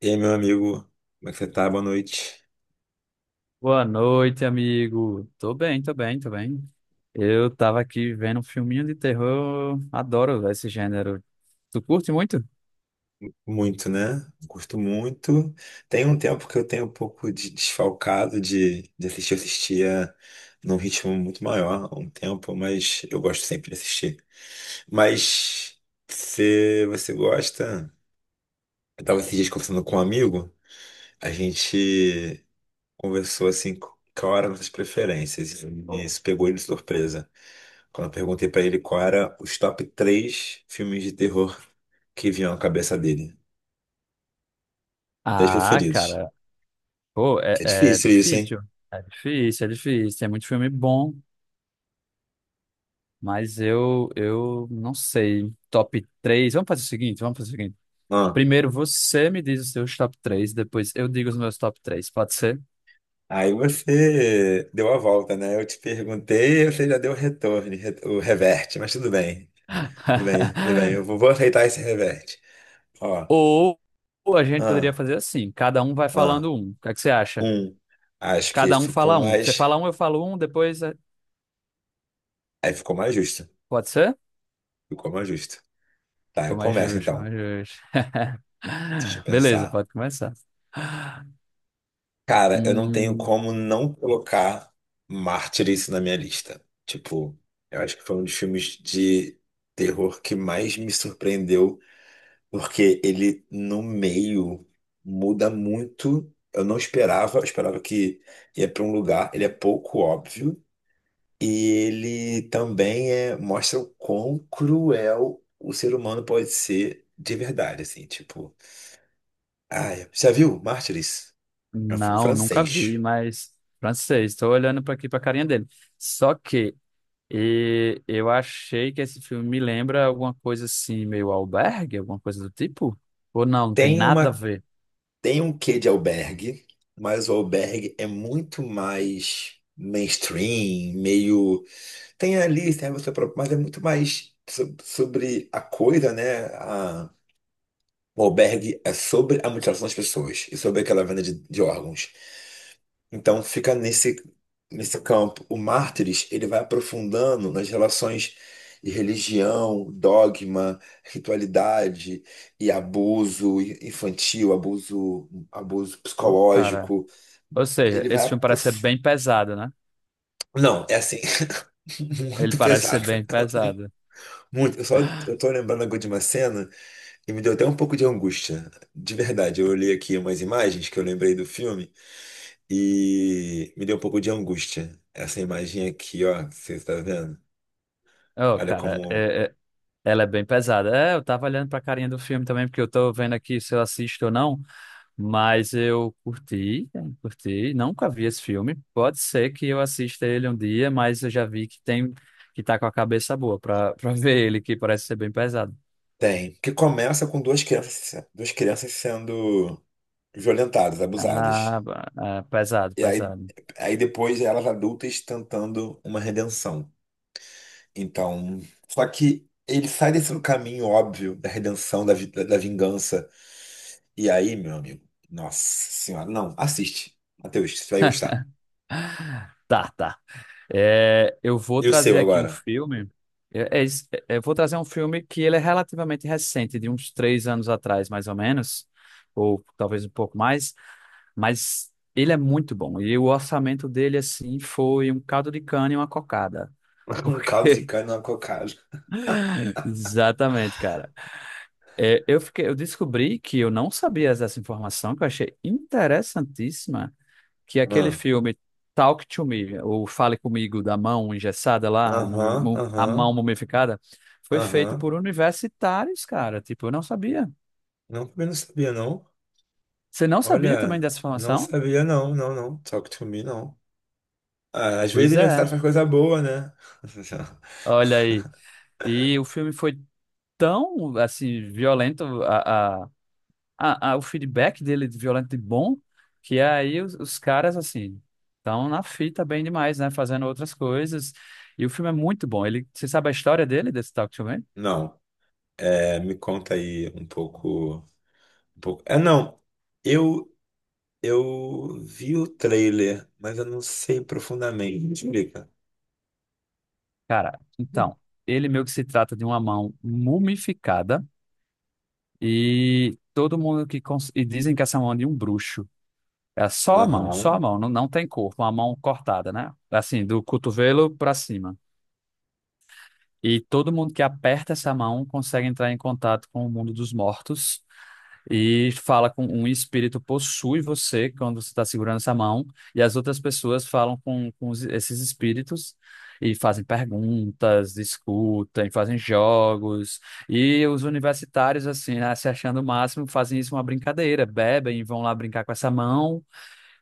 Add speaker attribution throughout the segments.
Speaker 1: E aí, meu amigo, como é que você tá? Boa noite.
Speaker 2: Boa noite, amigo. Tô bem, tô bem, tô bem. Eu tava aqui vendo um filminho de terror. Adoro véi, esse gênero. Tu curte muito?
Speaker 1: Muito, né? Gosto muito. Tem um tempo que eu tenho um pouco de desfalcado de assistir. Eu assistia num ritmo muito maior há um tempo, mas eu gosto sempre de assistir. Mas se você gosta, eu tava esses dias conversando com um amigo, a gente conversou assim, qual era nossas preferências. E isso pegou ele de surpresa. Quando eu perguntei pra ele qual era os top três filmes de terror que vinham à cabeça dele. Dez
Speaker 2: Ah,
Speaker 1: preferidos.
Speaker 2: cara, pô, é,
Speaker 1: É
Speaker 2: é
Speaker 1: difícil isso, hein?
Speaker 2: difícil. É difícil, é difícil. Tem muito filme bom, mas eu não sei. Top 3. Vamos fazer o seguinte, vamos fazer o seguinte.
Speaker 1: Ah,
Speaker 2: Primeiro você me diz os seus top 3. Depois eu digo os meus top 3. Pode ser?
Speaker 1: aí você deu a volta, né? Eu te perguntei, você já deu o retorno, o reverte, mas tudo bem. Tudo bem. Eu vou aceitar esse reverte. Ó,
Speaker 2: Ou a gente poderia
Speaker 1: ah,
Speaker 2: fazer assim, cada um vai
Speaker 1: ah,
Speaker 2: falando um. O que é que você acha?
Speaker 1: um. Acho que
Speaker 2: Cada um
Speaker 1: ficou
Speaker 2: fala um. Você
Speaker 1: mais.
Speaker 2: fala um, eu falo um, depois.
Speaker 1: Aí ficou mais justo.
Speaker 2: Pode ser?
Speaker 1: Ficou mais justo. Tá,
Speaker 2: Foi
Speaker 1: eu
Speaker 2: mais
Speaker 1: começo
Speaker 2: justo, foi
Speaker 1: então.
Speaker 2: mais justo.
Speaker 1: Deixa eu
Speaker 2: Beleza,
Speaker 1: pensar.
Speaker 2: pode começar.
Speaker 1: Cara, eu não tenho
Speaker 2: Hum,
Speaker 1: como não colocar Mártires na minha lista. Tipo, eu acho que foi um dos filmes de terror que mais me surpreendeu, porque ele no meio muda muito. Eu não esperava, eu esperava que ia pra um lugar, ele é pouco óbvio, e ele também é, mostra o quão cruel o ser humano pode ser de verdade, assim, tipo, ai, já viu Mártires? É um filme
Speaker 2: não, nunca
Speaker 1: francês.
Speaker 2: vi, mas francês. Estou olhando para aqui para a carinha dele. Só que eu achei que esse filme me lembra alguma coisa assim, meio albergue, alguma coisa do tipo? Ou não, não tem
Speaker 1: Tem
Speaker 2: nada a
Speaker 1: uma
Speaker 2: ver.
Speaker 1: tem um quê de albergue, mas o albergue é muito mais mainstream, meio. Tem ali, tem você próprio, mas é muito mais sobre a coisa, né? O albergue é sobre a mutilação das pessoas e sobre aquela venda de órgãos. Então fica nesse campo. O Mártires, ele vai aprofundando nas relações de religião, dogma, ritualidade e abuso infantil, abuso
Speaker 2: Pô, cara.
Speaker 1: psicológico.
Speaker 2: Ou seja,
Speaker 1: Ele vai
Speaker 2: esse filme parece ser
Speaker 1: aprof...
Speaker 2: bem pesado, né?
Speaker 1: Não, é assim,
Speaker 2: Ele
Speaker 1: muito
Speaker 2: parece ser
Speaker 1: pesado.
Speaker 2: bem pesado.
Speaker 1: Muito. Eu só eu tô lembrando agora de uma cena e me deu até um pouco de angústia. De verdade, eu olhei aqui umas imagens que eu lembrei do filme. E me deu um pouco de angústia. Essa imagem aqui, ó, você tá vendo?
Speaker 2: Ô,
Speaker 1: Olha
Speaker 2: cara,
Speaker 1: como
Speaker 2: é, Ela é bem pesada. É, eu tava olhando pra carinha do filme também, porque eu tô vendo aqui se eu assisto ou não, mas eu curti, nunca vi esse filme. Pode ser que eu assista ele um dia, mas eu já vi que tem que tá com a cabeça boa pra ver ele, que parece ser bem pesado.
Speaker 1: tem. Que começa com duas crianças sendo violentadas, abusadas.
Speaker 2: Ah, pesado,
Speaker 1: E aí,
Speaker 2: pesado.
Speaker 1: aí depois elas adultas tentando uma redenção. Então, só que ele sai desse caminho óbvio da redenção, da vingança. E aí, meu amigo, nossa senhora, não, assiste. Matheus, você vai gostar.
Speaker 2: Tá, tá. É, eu vou
Speaker 1: E o seu
Speaker 2: trazer aqui um
Speaker 1: agora?
Speaker 2: filme. Eu, é isso, é, eu vou trazer um filme que ele é relativamente recente, de uns 3 anos atrás, mais ou menos, ou talvez um pouco mais. Mas ele é muito bom. E o orçamento dele, assim, foi um caldo de cana e uma cocada.
Speaker 1: Um caso de cana na cocada.
Speaker 2: Exatamente, cara. É, eu fiquei, eu descobri que eu não sabia dessa informação, que eu achei interessantíssima, que aquele filme Talk to Me, ou Fale Comigo, da mão engessada lá,
Speaker 1: Aham,
Speaker 2: a mão
Speaker 1: aham,
Speaker 2: mumificada, foi feito por
Speaker 1: aham.
Speaker 2: universitários, cara. Tipo, eu não sabia.
Speaker 1: Não, também não sabia, não.
Speaker 2: Você não sabia também
Speaker 1: Olha,
Speaker 2: dessa
Speaker 1: não
Speaker 2: informação?
Speaker 1: sabia, não. Talk to me, não. Ah, às vezes
Speaker 2: Pois é.
Speaker 1: aniversário faz coisa boa, né?
Speaker 2: Olha aí. E o filme foi tão assim violento a, o feedback dele de violento e bom, que aí os caras assim estão na fita bem demais, né? Fazendo outras coisas. E o filme é muito bom. Ele, você sabe a história dele, desse Talk to Me?
Speaker 1: Não, é, me conta aí um pouco, um pouco. É, não, eu, eu vi o trailer, mas eu não sei profundamente. Me explica.
Speaker 2: Cara, então, ele meio que se trata de uma mão mumificada e todo mundo e dizem que essa mão é de um bruxo. É só a
Speaker 1: Aham.
Speaker 2: mão, não, não tem corpo, uma mão cortada, né? Assim, do cotovelo pra cima. E todo mundo que aperta essa mão consegue entrar em contato com o mundo dos mortos e fala com um espírito possui você quando você está segurando essa mão, e as outras pessoas falam com, com esses espíritos e fazem perguntas, discutem, fazem jogos. E os universitários, assim, né, se achando o máximo, fazem isso uma brincadeira, bebem e vão lá brincar com essa mão.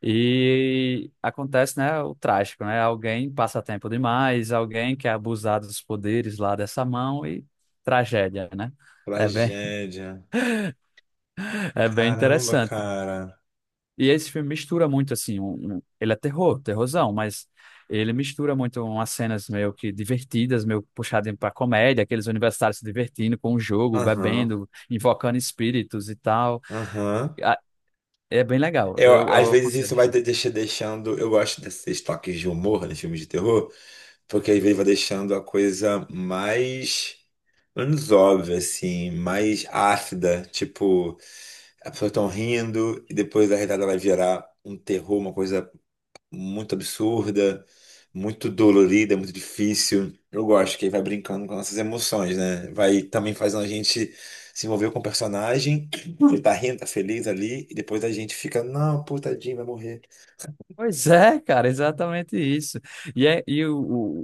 Speaker 2: E acontece, né, o trágico, né? Alguém passa tempo demais, alguém quer abusar dos poderes lá dessa mão e tragédia, né? É bem,
Speaker 1: Tragédia.
Speaker 2: é bem
Speaker 1: Caramba,
Speaker 2: interessante.
Speaker 1: cara.
Speaker 2: E esse filme mistura muito, assim, ele é terror, terrorzão, mas ele mistura muito umas cenas meio que divertidas, meio puxadas para comédia, aqueles universitários se divertindo com o jogo,
Speaker 1: Aham,
Speaker 2: bebendo, invocando espíritos e tal.
Speaker 1: aham.
Speaker 2: Ah, é bem legal,
Speaker 1: Eu,
Speaker 2: eu,
Speaker 1: às
Speaker 2: eu
Speaker 1: vezes
Speaker 2: aconselho,
Speaker 1: isso vai
Speaker 2: assim.
Speaker 1: deixando. Eu gosto desses toques de humor nos filmes de terror, porque às vezes vai deixando a coisa mais. Menos óbvia, assim, mais ácida. Tipo, a pessoa tão rindo e depois a risada vai virar um terror, uma coisa muito absurda, muito dolorida, muito difícil. Eu gosto que aí vai brincando com nossas emoções, né? Vai também fazendo a gente se envolver com o personagem, ele tá rindo, tá feliz ali, e depois a gente fica, não, pô, tadinho, vai morrer.
Speaker 2: Pois é, cara, exatamente isso. E, é, e o,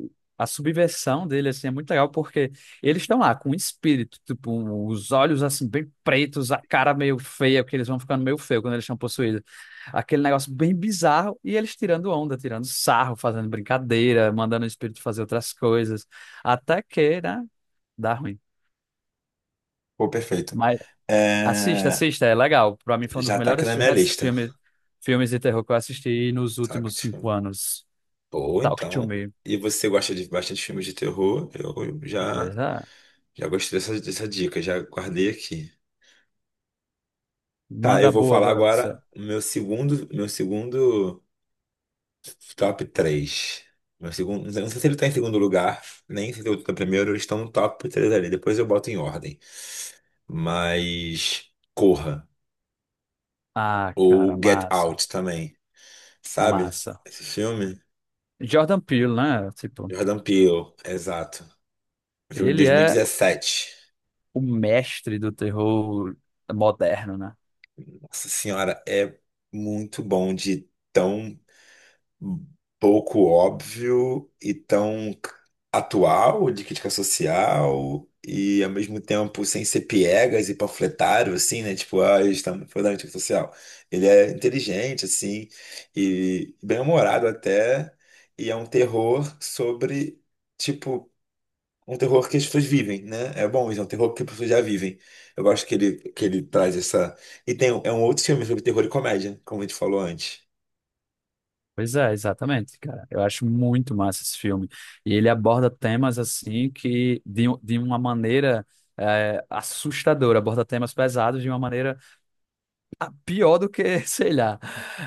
Speaker 2: o- a subversão dele, assim, é muito legal porque eles estão lá com o espírito, tipo, os olhos, assim, bem pretos, a cara meio feia, porque eles vão ficando meio feio quando eles estão possuídos. Aquele negócio bem bizarro e eles tirando onda, tirando sarro, fazendo brincadeira, mandando o espírito fazer outras coisas. Até que, né, dá ruim.
Speaker 1: Pô, perfeito.
Speaker 2: Mas assista,
Speaker 1: É,
Speaker 2: assista, é legal. Pra mim foi um dos
Speaker 1: já tá aqui
Speaker 2: melhores
Speaker 1: na minha lista,
Speaker 2: filmes, filmes de terror que eu assisti nos
Speaker 1: saca?
Speaker 2: últimos cinco
Speaker 1: Tipo,
Speaker 2: anos.
Speaker 1: pô,
Speaker 2: Talk to
Speaker 1: então.
Speaker 2: me.
Speaker 1: E você gosta de bastante filmes de terror? Eu
Speaker 2: Pois
Speaker 1: já,
Speaker 2: é.
Speaker 1: já gostei dessa dica, já guardei aqui. Tá, eu
Speaker 2: Manda
Speaker 1: vou
Speaker 2: boa
Speaker 1: falar
Speaker 2: agora você.
Speaker 1: agora o meu segundo top 3. Meu segundo, não sei se ele tá em segundo lugar, nem sei se ele tá em primeiro, eles estão no top 3 ali. Depois eu boto em ordem. Mas Corra
Speaker 2: Ah, cara,
Speaker 1: ou Get
Speaker 2: massa,
Speaker 1: Out também. Sabe?
Speaker 2: massa.
Speaker 1: Esse filme?
Speaker 2: Jordan Peele, né? Tipo,
Speaker 1: Jordan Peele, exato. Um filme de
Speaker 2: ele é
Speaker 1: 2017.
Speaker 2: o mestre do terror moderno, né?
Speaker 1: Nossa Senhora, é muito bom de tão pouco óbvio e tão atual de crítica social e ao mesmo tempo sem ser piegas e panfletário, assim, né? Tipo, ah, eles estão falando de crítica social. Ele é inteligente, assim, e bem-humorado até, e é um terror sobre, tipo, um terror que as pessoas vivem, né? É bom, isso é um terror que as pessoas já vivem. Eu gosto que ele traz essa... E tem, é um outro filme sobre terror e comédia, como a gente falou antes.
Speaker 2: Pois é, exatamente, cara. Eu acho muito massa esse filme. E ele aborda temas assim que de uma maneira assustadora, aborda temas pesados de uma maneira pior do que, sei lá.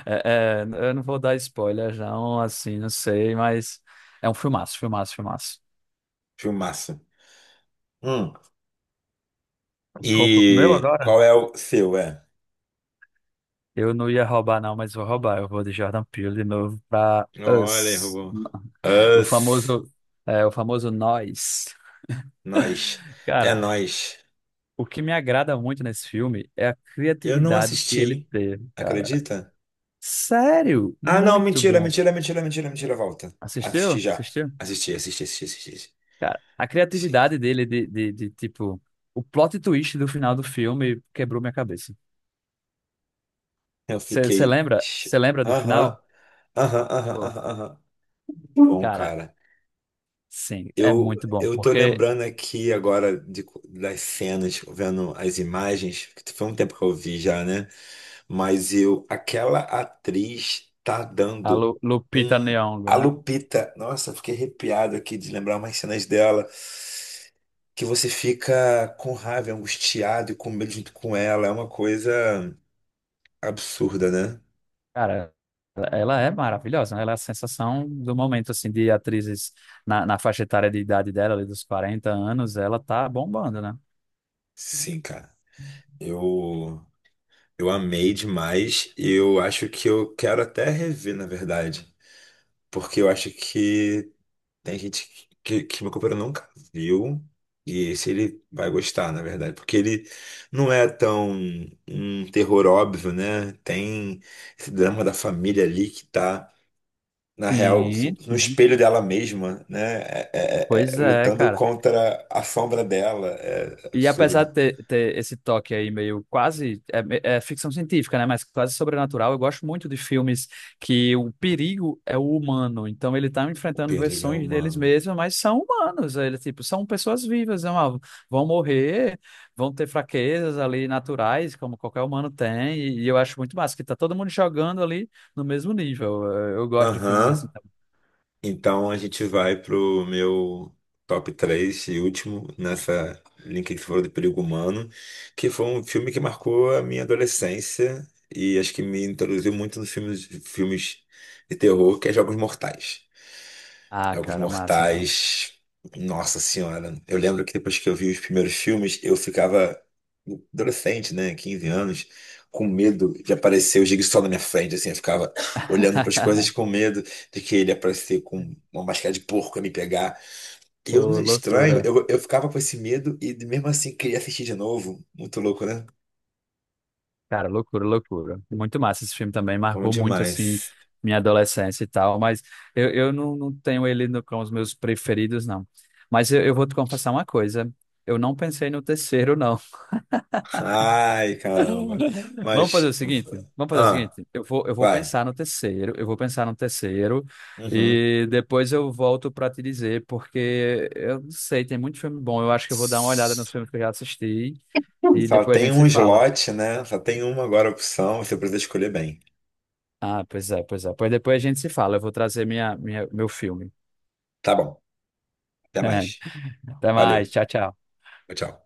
Speaker 2: É, é, eu não vou dar spoilers, não, assim, não sei, mas é um filmaço, filmaço, filmaço.
Speaker 1: Filmaço. Hum.
Speaker 2: Roupa pro meu
Speaker 1: E
Speaker 2: agora?
Speaker 1: qual é o seu, é?
Speaker 2: Eu não ia roubar, não, mas vou roubar. Eu vou de Jordan Peele de novo pra
Speaker 1: Olha,
Speaker 2: Us.
Speaker 1: errou.
Speaker 2: O
Speaker 1: Us.
Speaker 2: famoso, o famoso nós.
Speaker 1: Nós. É
Speaker 2: Cara,
Speaker 1: nós.
Speaker 2: o que me agrada muito nesse filme é a
Speaker 1: Eu não
Speaker 2: criatividade que ele
Speaker 1: assisti.
Speaker 2: teve, cara.
Speaker 1: Acredita?
Speaker 2: Sério,
Speaker 1: Ah, não,
Speaker 2: muito
Speaker 1: mentira,
Speaker 2: bom.
Speaker 1: mentira, mentira, mentira, mentira, volta. Assisti
Speaker 2: Assistiu?
Speaker 1: já.
Speaker 2: Assistiu?
Speaker 1: Assisti, assisti, assisti, assisti, assisti.
Speaker 2: Cara, a
Speaker 1: Sim.
Speaker 2: criatividade dele de, tipo, o plot twist do final do filme quebrou minha cabeça.
Speaker 1: Eu
Speaker 2: Você
Speaker 1: fiquei.
Speaker 2: lembra? Você lembra do
Speaker 1: Aham,
Speaker 2: final?
Speaker 1: aham, aham,
Speaker 2: Pô,
Speaker 1: aham, aham. Bom,
Speaker 2: cara,
Speaker 1: cara,
Speaker 2: sim, é
Speaker 1: eu,
Speaker 2: muito bom,
Speaker 1: eu tô
Speaker 2: porque
Speaker 1: lembrando aqui mas eu, aquela atriz tá
Speaker 2: A
Speaker 1: dando
Speaker 2: Lu- Lupita
Speaker 1: um.
Speaker 2: Nyong'o,
Speaker 1: A
Speaker 2: né?
Speaker 1: Lupita, nossa, fiquei arrepiado aqui de lembrar umas cenas dela, que você fica com raiva, angustiado e com medo junto com ela. É uma coisa absurda, né?
Speaker 2: Cara, ela é maravilhosa, né? Ela é a sensação do momento, assim, de atrizes na faixa etária de idade dela, ali dos 40 anos, ela tá bombando, né?
Speaker 1: Sim, cara. Eu, eu amei demais e eu acho que eu quero até rever, na verdade. Porque eu acho que tem gente que meu companheiro nunca viu. E se ele vai gostar, na verdade. Porque ele não é tão um terror óbvio, né? Tem esse drama da família ali que tá, na real,
Speaker 2: Sim,
Speaker 1: no
Speaker 2: sim.
Speaker 1: espelho dela mesma, né?
Speaker 2: Pois é,
Speaker 1: Lutando
Speaker 2: cara.
Speaker 1: contra a sombra dela. É
Speaker 2: E apesar
Speaker 1: absurdo.
Speaker 2: de ter, esse toque aí meio quase é ficção científica, né? Mas quase sobrenatural, eu gosto muito de filmes que o perigo é o humano. Então ele tá
Speaker 1: O
Speaker 2: enfrentando
Speaker 1: perigo é
Speaker 2: versões deles
Speaker 1: humano.
Speaker 2: mesmos, mas são humanos. Ele tipo são pessoas vivas, né, mano? Vão morrer, vão ter fraquezas ali naturais, como qualquer humano tem. E eu acho muito massa que tá todo mundo jogando ali no mesmo nível. Eu gosto de filmes assim
Speaker 1: Aham.
Speaker 2: também.
Speaker 1: Então a gente vai pro meu top 3 e último nessa linha que você falou de perigo humano, que foi um filme que marcou a minha adolescência e acho que me introduziu muito nos filmes de terror, que é Jogos Mortais.
Speaker 2: Ah,
Speaker 1: Jogos
Speaker 2: cara, massa, massa.
Speaker 1: Mortais. Nossa Senhora. Eu lembro que depois que eu vi os primeiros filmes, eu ficava adolescente, né? 15 anos, com medo de aparecer o Jigsaw na minha frente, assim. Eu ficava olhando para as coisas com medo de que ele aparecer com uma máscara de porco e me pegar. E eu,
Speaker 2: Pô,
Speaker 1: estranho,
Speaker 2: loucura.
Speaker 1: eu ficava com esse medo e mesmo assim queria assistir de novo. Muito louco, né?
Speaker 2: Cara, loucura, loucura. Muito massa esse filme também,
Speaker 1: Bom
Speaker 2: marcou muito, assim,
Speaker 1: demais.
Speaker 2: minha adolescência e tal, mas eu não, não tenho ele no, com os meus preferidos, não. Mas eu vou te confessar uma coisa, eu não pensei no terceiro, não.
Speaker 1: Ai, caramba.
Speaker 2: Vamos
Speaker 1: Mas.
Speaker 2: fazer o seguinte, vamos fazer o
Speaker 1: Ah,
Speaker 2: seguinte, eu vou
Speaker 1: vai.
Speaker 2: pensar no terceiro, eu vou pensar no terceiro,
Speaker 1: Uhum.
Speaker 2: e depois eu volto pra te dizer, porque eu não sei, tem muito filme bom, eu acho que eu vou dar uma olhada nos filmes que eu já assisti, e
Speaker 1: Só
Speaker 2: depois a
Speaker 1: tem
Speaker 2: gente
Speaker 1: um
Speaker 2: se fala.
Speaker 1: slot, né? Só tem uma agora opção, você precisa escolher bem.
Speaker 2: Ah, pois é, pois é. Pois depois a gente se fala. Eu vou trazer minha, meu filme.
Speaker 1: Tá bom, até mais.
Speaker 2: Até mais.
Speaker 1: Valeu,
Speaker 2: Tchau, tchau.
Speaker 1: tchau.